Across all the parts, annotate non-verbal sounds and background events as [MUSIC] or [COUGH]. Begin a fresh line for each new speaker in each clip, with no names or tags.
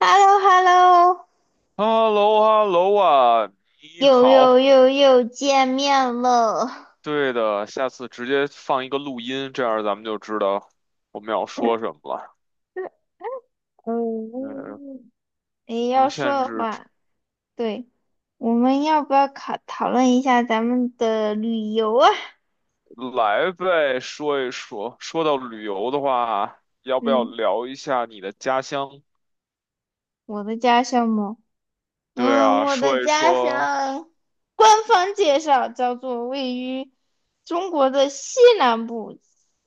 h e l l o h e l l o
h e l l o h e l l o 啊，你
又又
好。
又又见面了。
对的，下次直接放一个录音，这样咱们就知道我们要说什么了。
[LAUGHS]
嗯，
嗯，诶，
无
要说
限
的
制，
话，对，我们要不要讨论一下咱们的旅游啊？
来呗，说一说。说到旅游的话，要不要
嗯，
聊一下你的家乡？
我的家乡吗？
对啊，
我的
说一
家
说，
乡，官方介绍叫做位于中国的西南部，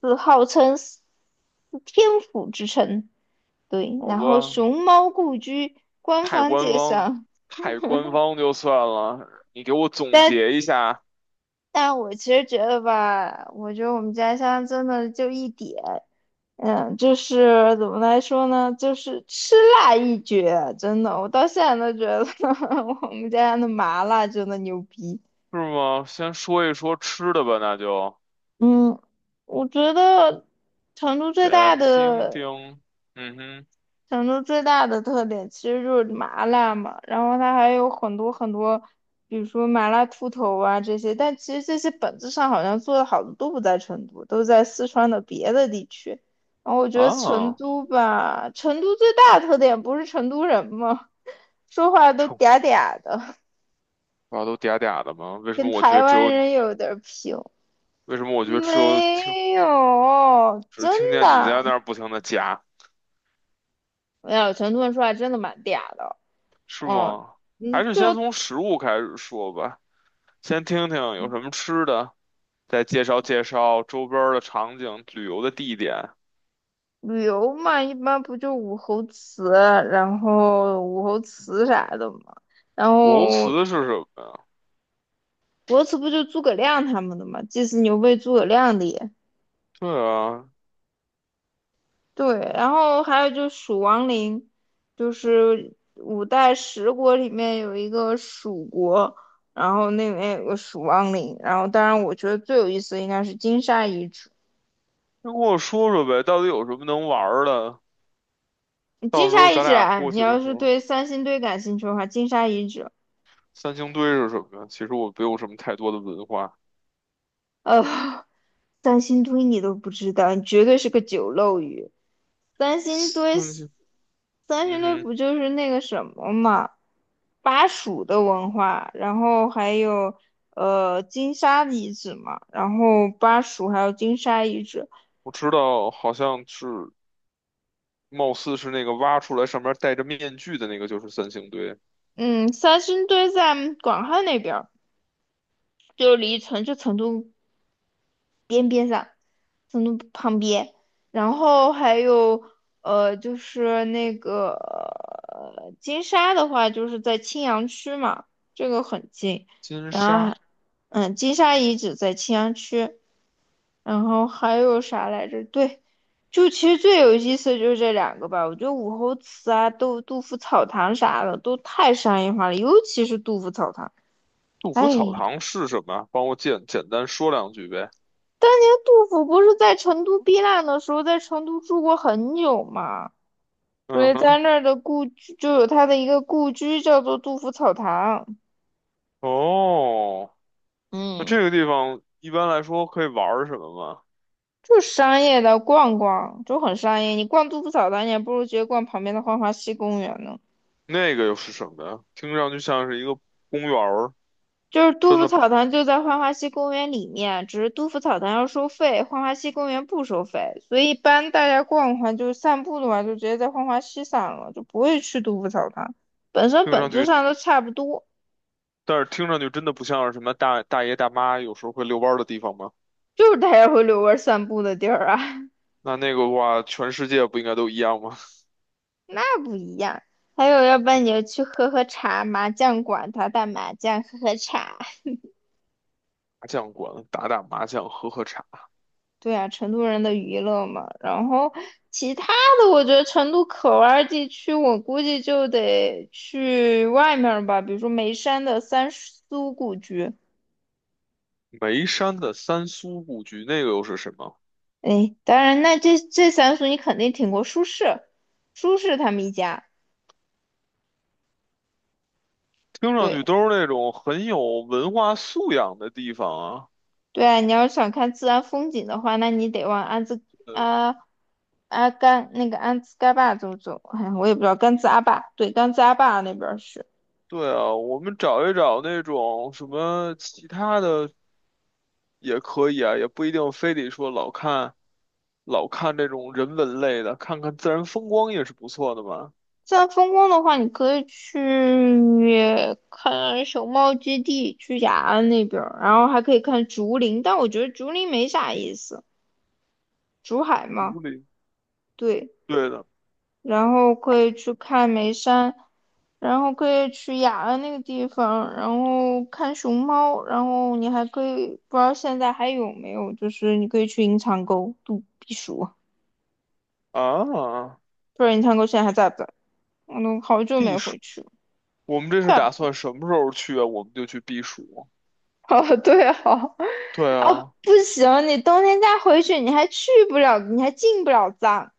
是号称天府之城。对，
好
然后
吧，
熊猫故居，官
太
方
官
介
方，
绍。
太官方就算了。你给我总
但
结一下，
但我其实觉得吧，我觉得我们家乡真的就一点，就是怎么来说呢，就是吃辣一绝，真的，我到现在都觉得 [LAUGHS] 我们家乡的麻辣真的牛逼。
是吗？先说一说吃的吧，那就
嗯，我觉得成都最大
先听
的
听，嗯哼。
成都最大的特点其实就是麻辣嘛，然后它还有很多很多，比如说麻辣兔头啊这些，但其实这些本质上好像做的好的都不在成都，都在四川的别的地区。然后我觉得成
啊，
都吧，成都最大的特点不是成都人吗？说话都
臭，
嗲嗲的，
瓜都嗲嗲的吗？
跟台湾人有点儿拼。
为什么我觉得只有听
没有，
只
真
听见你在
的
那儿不停的夹，
没有。成都人说话真的蛮嗲的，
是
嗯
吗？还
嗯。
是先从食物开始说吧，先听听有什么吃的，再介绍介绍周边儿的场景、旅游的地点。
旅游嘛，一般不就武侯祠，然后武侯祠啥的嘛，然
武侯
后
祠是什么呀？
国祠不就诸葛亮他们的嘛，祭祀牛背诸葛亮的也
对啊，
对，然后还有就蜀王陵，就是五代十国里面有一个蜀国，然后那里面有个蜀王陵，然后当然我觉得最有意思的应该是金沙遗址，
先跟我说说呗，到底有什么能玩儿的？到
金
时候
沙遗
咱
址
俩
啊，
过
你
去的
要
时
是
候，
对三星堆感兴趣的话，金沙遗址，
三星堆是什么呀？其实我没有什么太多的文化。
呃。三星堆你都不知道，你绝对是个酒漏鱼。三星堆，
三星，
三星
嗯
堆
哼。
不就是那个什么嘛，巴蜀的文化，然后还有金沙遗址嘛，然后巴蜀还有金沙遗址。
我知道，好像是，貌似是那个挖出来上面戴着面具的那个，就是三星堆
嗯，三星堆在广汉那边儿，就离成都边上，成都旁边，然后还有就是那个金沙的话，就是在青羊区嘛，这个很近。
金
然后
沙
还，金沙遗址在青羊区，然后还有啥来着？对，就其实最有意思的就是这两个吧。我觉得武侯祠啊、杜甫草堂啥的都太商业化了，尤其是杜甫草堂，
杜甫
哎。
草堂是什么？帮我简简单说两句呗。
当年杜甫不是在成都避难的时候，在成都住过很久嘛，所
嗯
以在
哼，
那儿的故居就有他的一个故居，叫做杜甫草堂。
哦，那
嗯，
这个地方一般来说可以玩儿什么吗？
就商业的逛逛，就很商业。你逛杜甫草堂，你还不如直接逛旁边的浣花溪公园呢。
那个又是什么呀？听上去像是一个公园儿，
就是杜
真
甫
的
草堂就在浣花溪公园里面，只是杜甫草堂要收费，浣花溪公园不收费，所以一般大家逛逛就是散步的话，就直接在浣花溪散了，就不会去杜甫草堂。本身
听
本
上
质
去，
上都差不多。
但是听上去真的不像是什么大大爷大妈有时候会遛弯儿的地方吗？
就是大家会遛弯儿散步的地儿啊，[LAUGHS]
那个的话，全世界不应该都一样吗？
那不一样。还有，要不然你就去喝喝茶，麻将馆打打麻将，喝喝茶。
麻将馆打打麻将，喝喝茶。
对啊，成都人的娱乐嘛。然后其他的，我觉得成都可玩儿地区，我估计就得去外面儿吧，比如说眉山的三苏故居。
眉山的三苏故居，那个又是什么？
哎，当然，那这三苏你肯定听过，苏轼，苏轼他们一家。
听上
对，
去都是那种很有文化素养的地方啊。
对啊，你要是想看自然风景的话，那你得往安子
呃，
阿阿甘那个安兹盖坝走走。哎呀我也不知道甘孜阿坝，对，甘孜阿坝那边儿是
对啊，我们找一找那种什么其他的也可以啊，也不一定非得说老看这种人文类的，看看自然风光也是不错的嘛。
自然风光的话，你可以去看熊猫基地、去雅安那边儿，然后还可以看竹林，但我觉得竹林没啥意思，竹海
竹
嘛，
林，
对。
对的
然后可以去看眉山，然后可以去雅安那个地方，然后看熊猫，然后你还可以不知道现在还有没有，就是你可以去银长沟度避暑，
啊，
不知道银长沟现在还在不在？我都好久
避
没回
暑。
去了。
我们这是
对啊，
打算什么时候去啊？我们就去避暑。
[LAUGHS] 哦对啊，
对
[LAUGHS]
啊，
不行，你冬天再回去，你还去不了，你还进不了藏，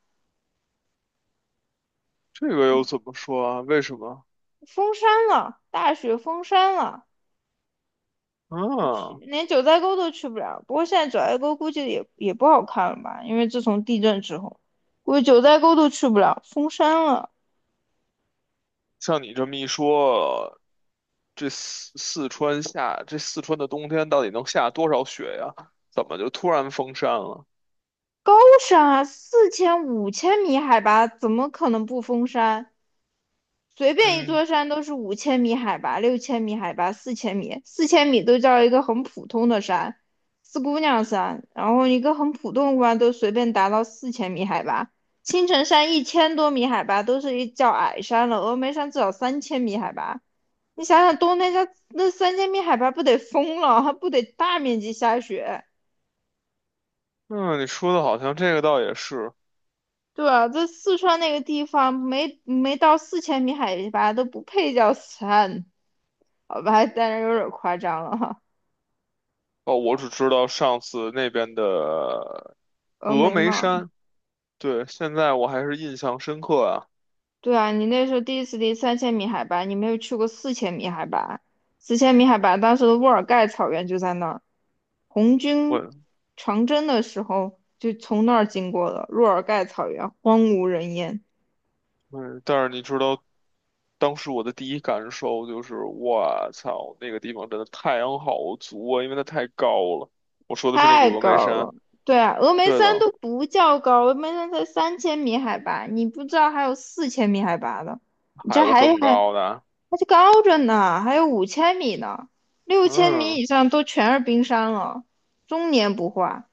这个又
嗯
怎么说啊？为什么？
封山了，大雪封山了。
啊？
连九寨沟都去不了。不过现在九寨沟估计也不好看了吧？因为自从地震之后，估计九寨沟都去不了，封山了。
像你这么一说，这四川的冬天到底能下多少雪呀？怎么就突然封山了？
高山啊，四千五千米海拔，怎么可能不封山？随便一
嗯，
座山都是五千米海拔、6000米海拔、四千米，四千米都叫一个很普通的山，四姑娘山。然后一个很普通的山都随便达到四千米海拔，青城山1000多米海拔都是一叫矮山了，峨眉山至少三千米海拔。你想想冬天家那三千米海拔不得疯了，还不得大面积下雪？
嗯，你说的好像这个倒也是
对啊，这四川那个地方没到四千米海拔都不配叫山，好吧，当然有点夸张了哈。
哦。我只知道上次那边的
峨
峨
眉
眉
嘛，
山，对，现在我还是印象深刻啊。
对啊，你那时候第一次离三千米海拔，你没有去过四千米海拔，四千米海拔当时的乌尔盖草原就在那儿，红军
我，
长征的时候就从那儿经过了，乌尔盖草原荒无人烟，
嗯，但是你知道当时我的第一感受就是，我操，那个地方真的太阳好足啊，因为它太高了。我说的是那个
太
峨眉
高
山，
了。对啊，峨眉
对
山
的。
都不叫高，峨眉山才三千米海拔，你不知道还有四千米海拔的，你
还
这
有
还
更
还
高的，
那就高着呢，还有五千米呢，六千米
嗯，
以上都全是冰山了，终年不化。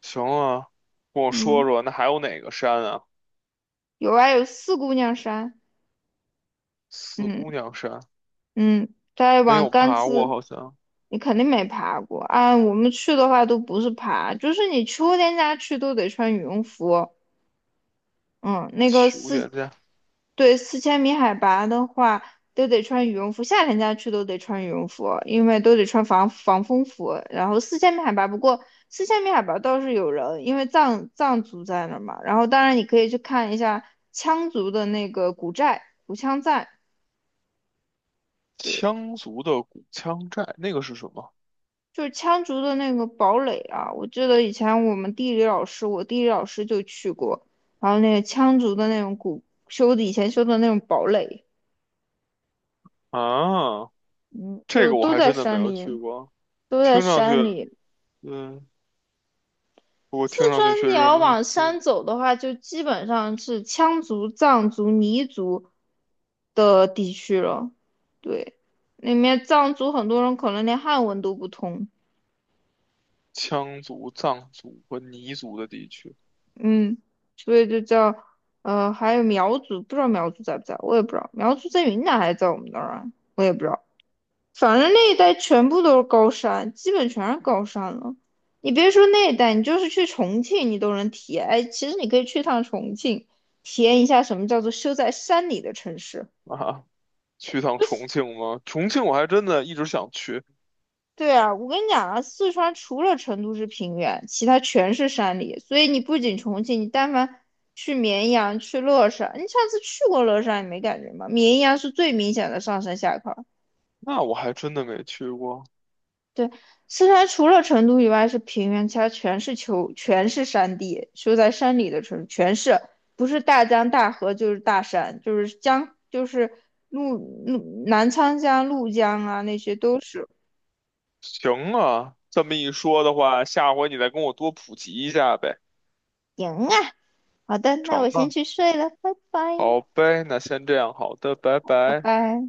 行啊，跟我说
嗯，
说，那还有哪个山啊？
有啊，有四姑娘山，
四
嗯
姑娘山
嗯，再
没
往
有
甘
爬过，
孜，
好像
你肯定没爬过。啊。我们去的话都不是爬，就是你秋天家去都得穿羽绒服，嗯，那个
求点
四，
赞。
对，四千米海拔的话，都得穿羽绒服，夏天家去都得穿羽绒服，因为都得穿防风服。然后四千米海拔，不过四千米海拔倒是有人，因为藏族在那儿嘛。然后当然你可以去看一下羌族的那个古寨、古羌寨，对，
羌族的古羌寨那个是什么
就是羌族的那个堡垒啊。我记得以前我地理老师就去过，然后那个羌族的那种古修的以前修的那种堡垒。
啊？
嗯，
这
就
个我
都
还
在
真的没
山
有去
里，
过，
都在
听上去，
山里。
嗯，不过
四
听上去
川
确
你
实，
要往
嗯
山走的话，就基本上是羌族、藏族、彝族的地区了。对，那面藏族很多人可能连汉文都不通，
羌族、藏族和彝族的地区
嗯，所以就叫还有苗族，不知道苗族在不在，我也不知道，苗族在云南还是在我们那儿啊，我也不知道。反正那一带全部都是高山，基本全是高山了。你别说那一带，你就是去重庆，你都能体验。哎，其实你可以去趟重庆，体验一下什么叫做修在山里的城市。
啊，去趟重庆吗？重庆我还真的一直想去，
对啊，我跟你讲啊，四川除了成都是平原，其他全是山里。所以你不仅重庆，你但凡去绵阳、去乐山，你上次去过乐山，你没感觉吗？绵阳是最明显的上山下坡。
那我还真的没去过。
对，四川除了成都以外是平原，其他全是丘，全是山地，修在山里的城全是，不是大江大河就是大山，就是江，就是怒怒南沧江、怒江啊，那些都是。
行啊，这么一说的话，下回你再跟我多普及一下呗，
行啊，好的，那
成
我先
啊，
去睡了，拜拜，
好呗，那先这样，好的，拜
拜
拜。
拜。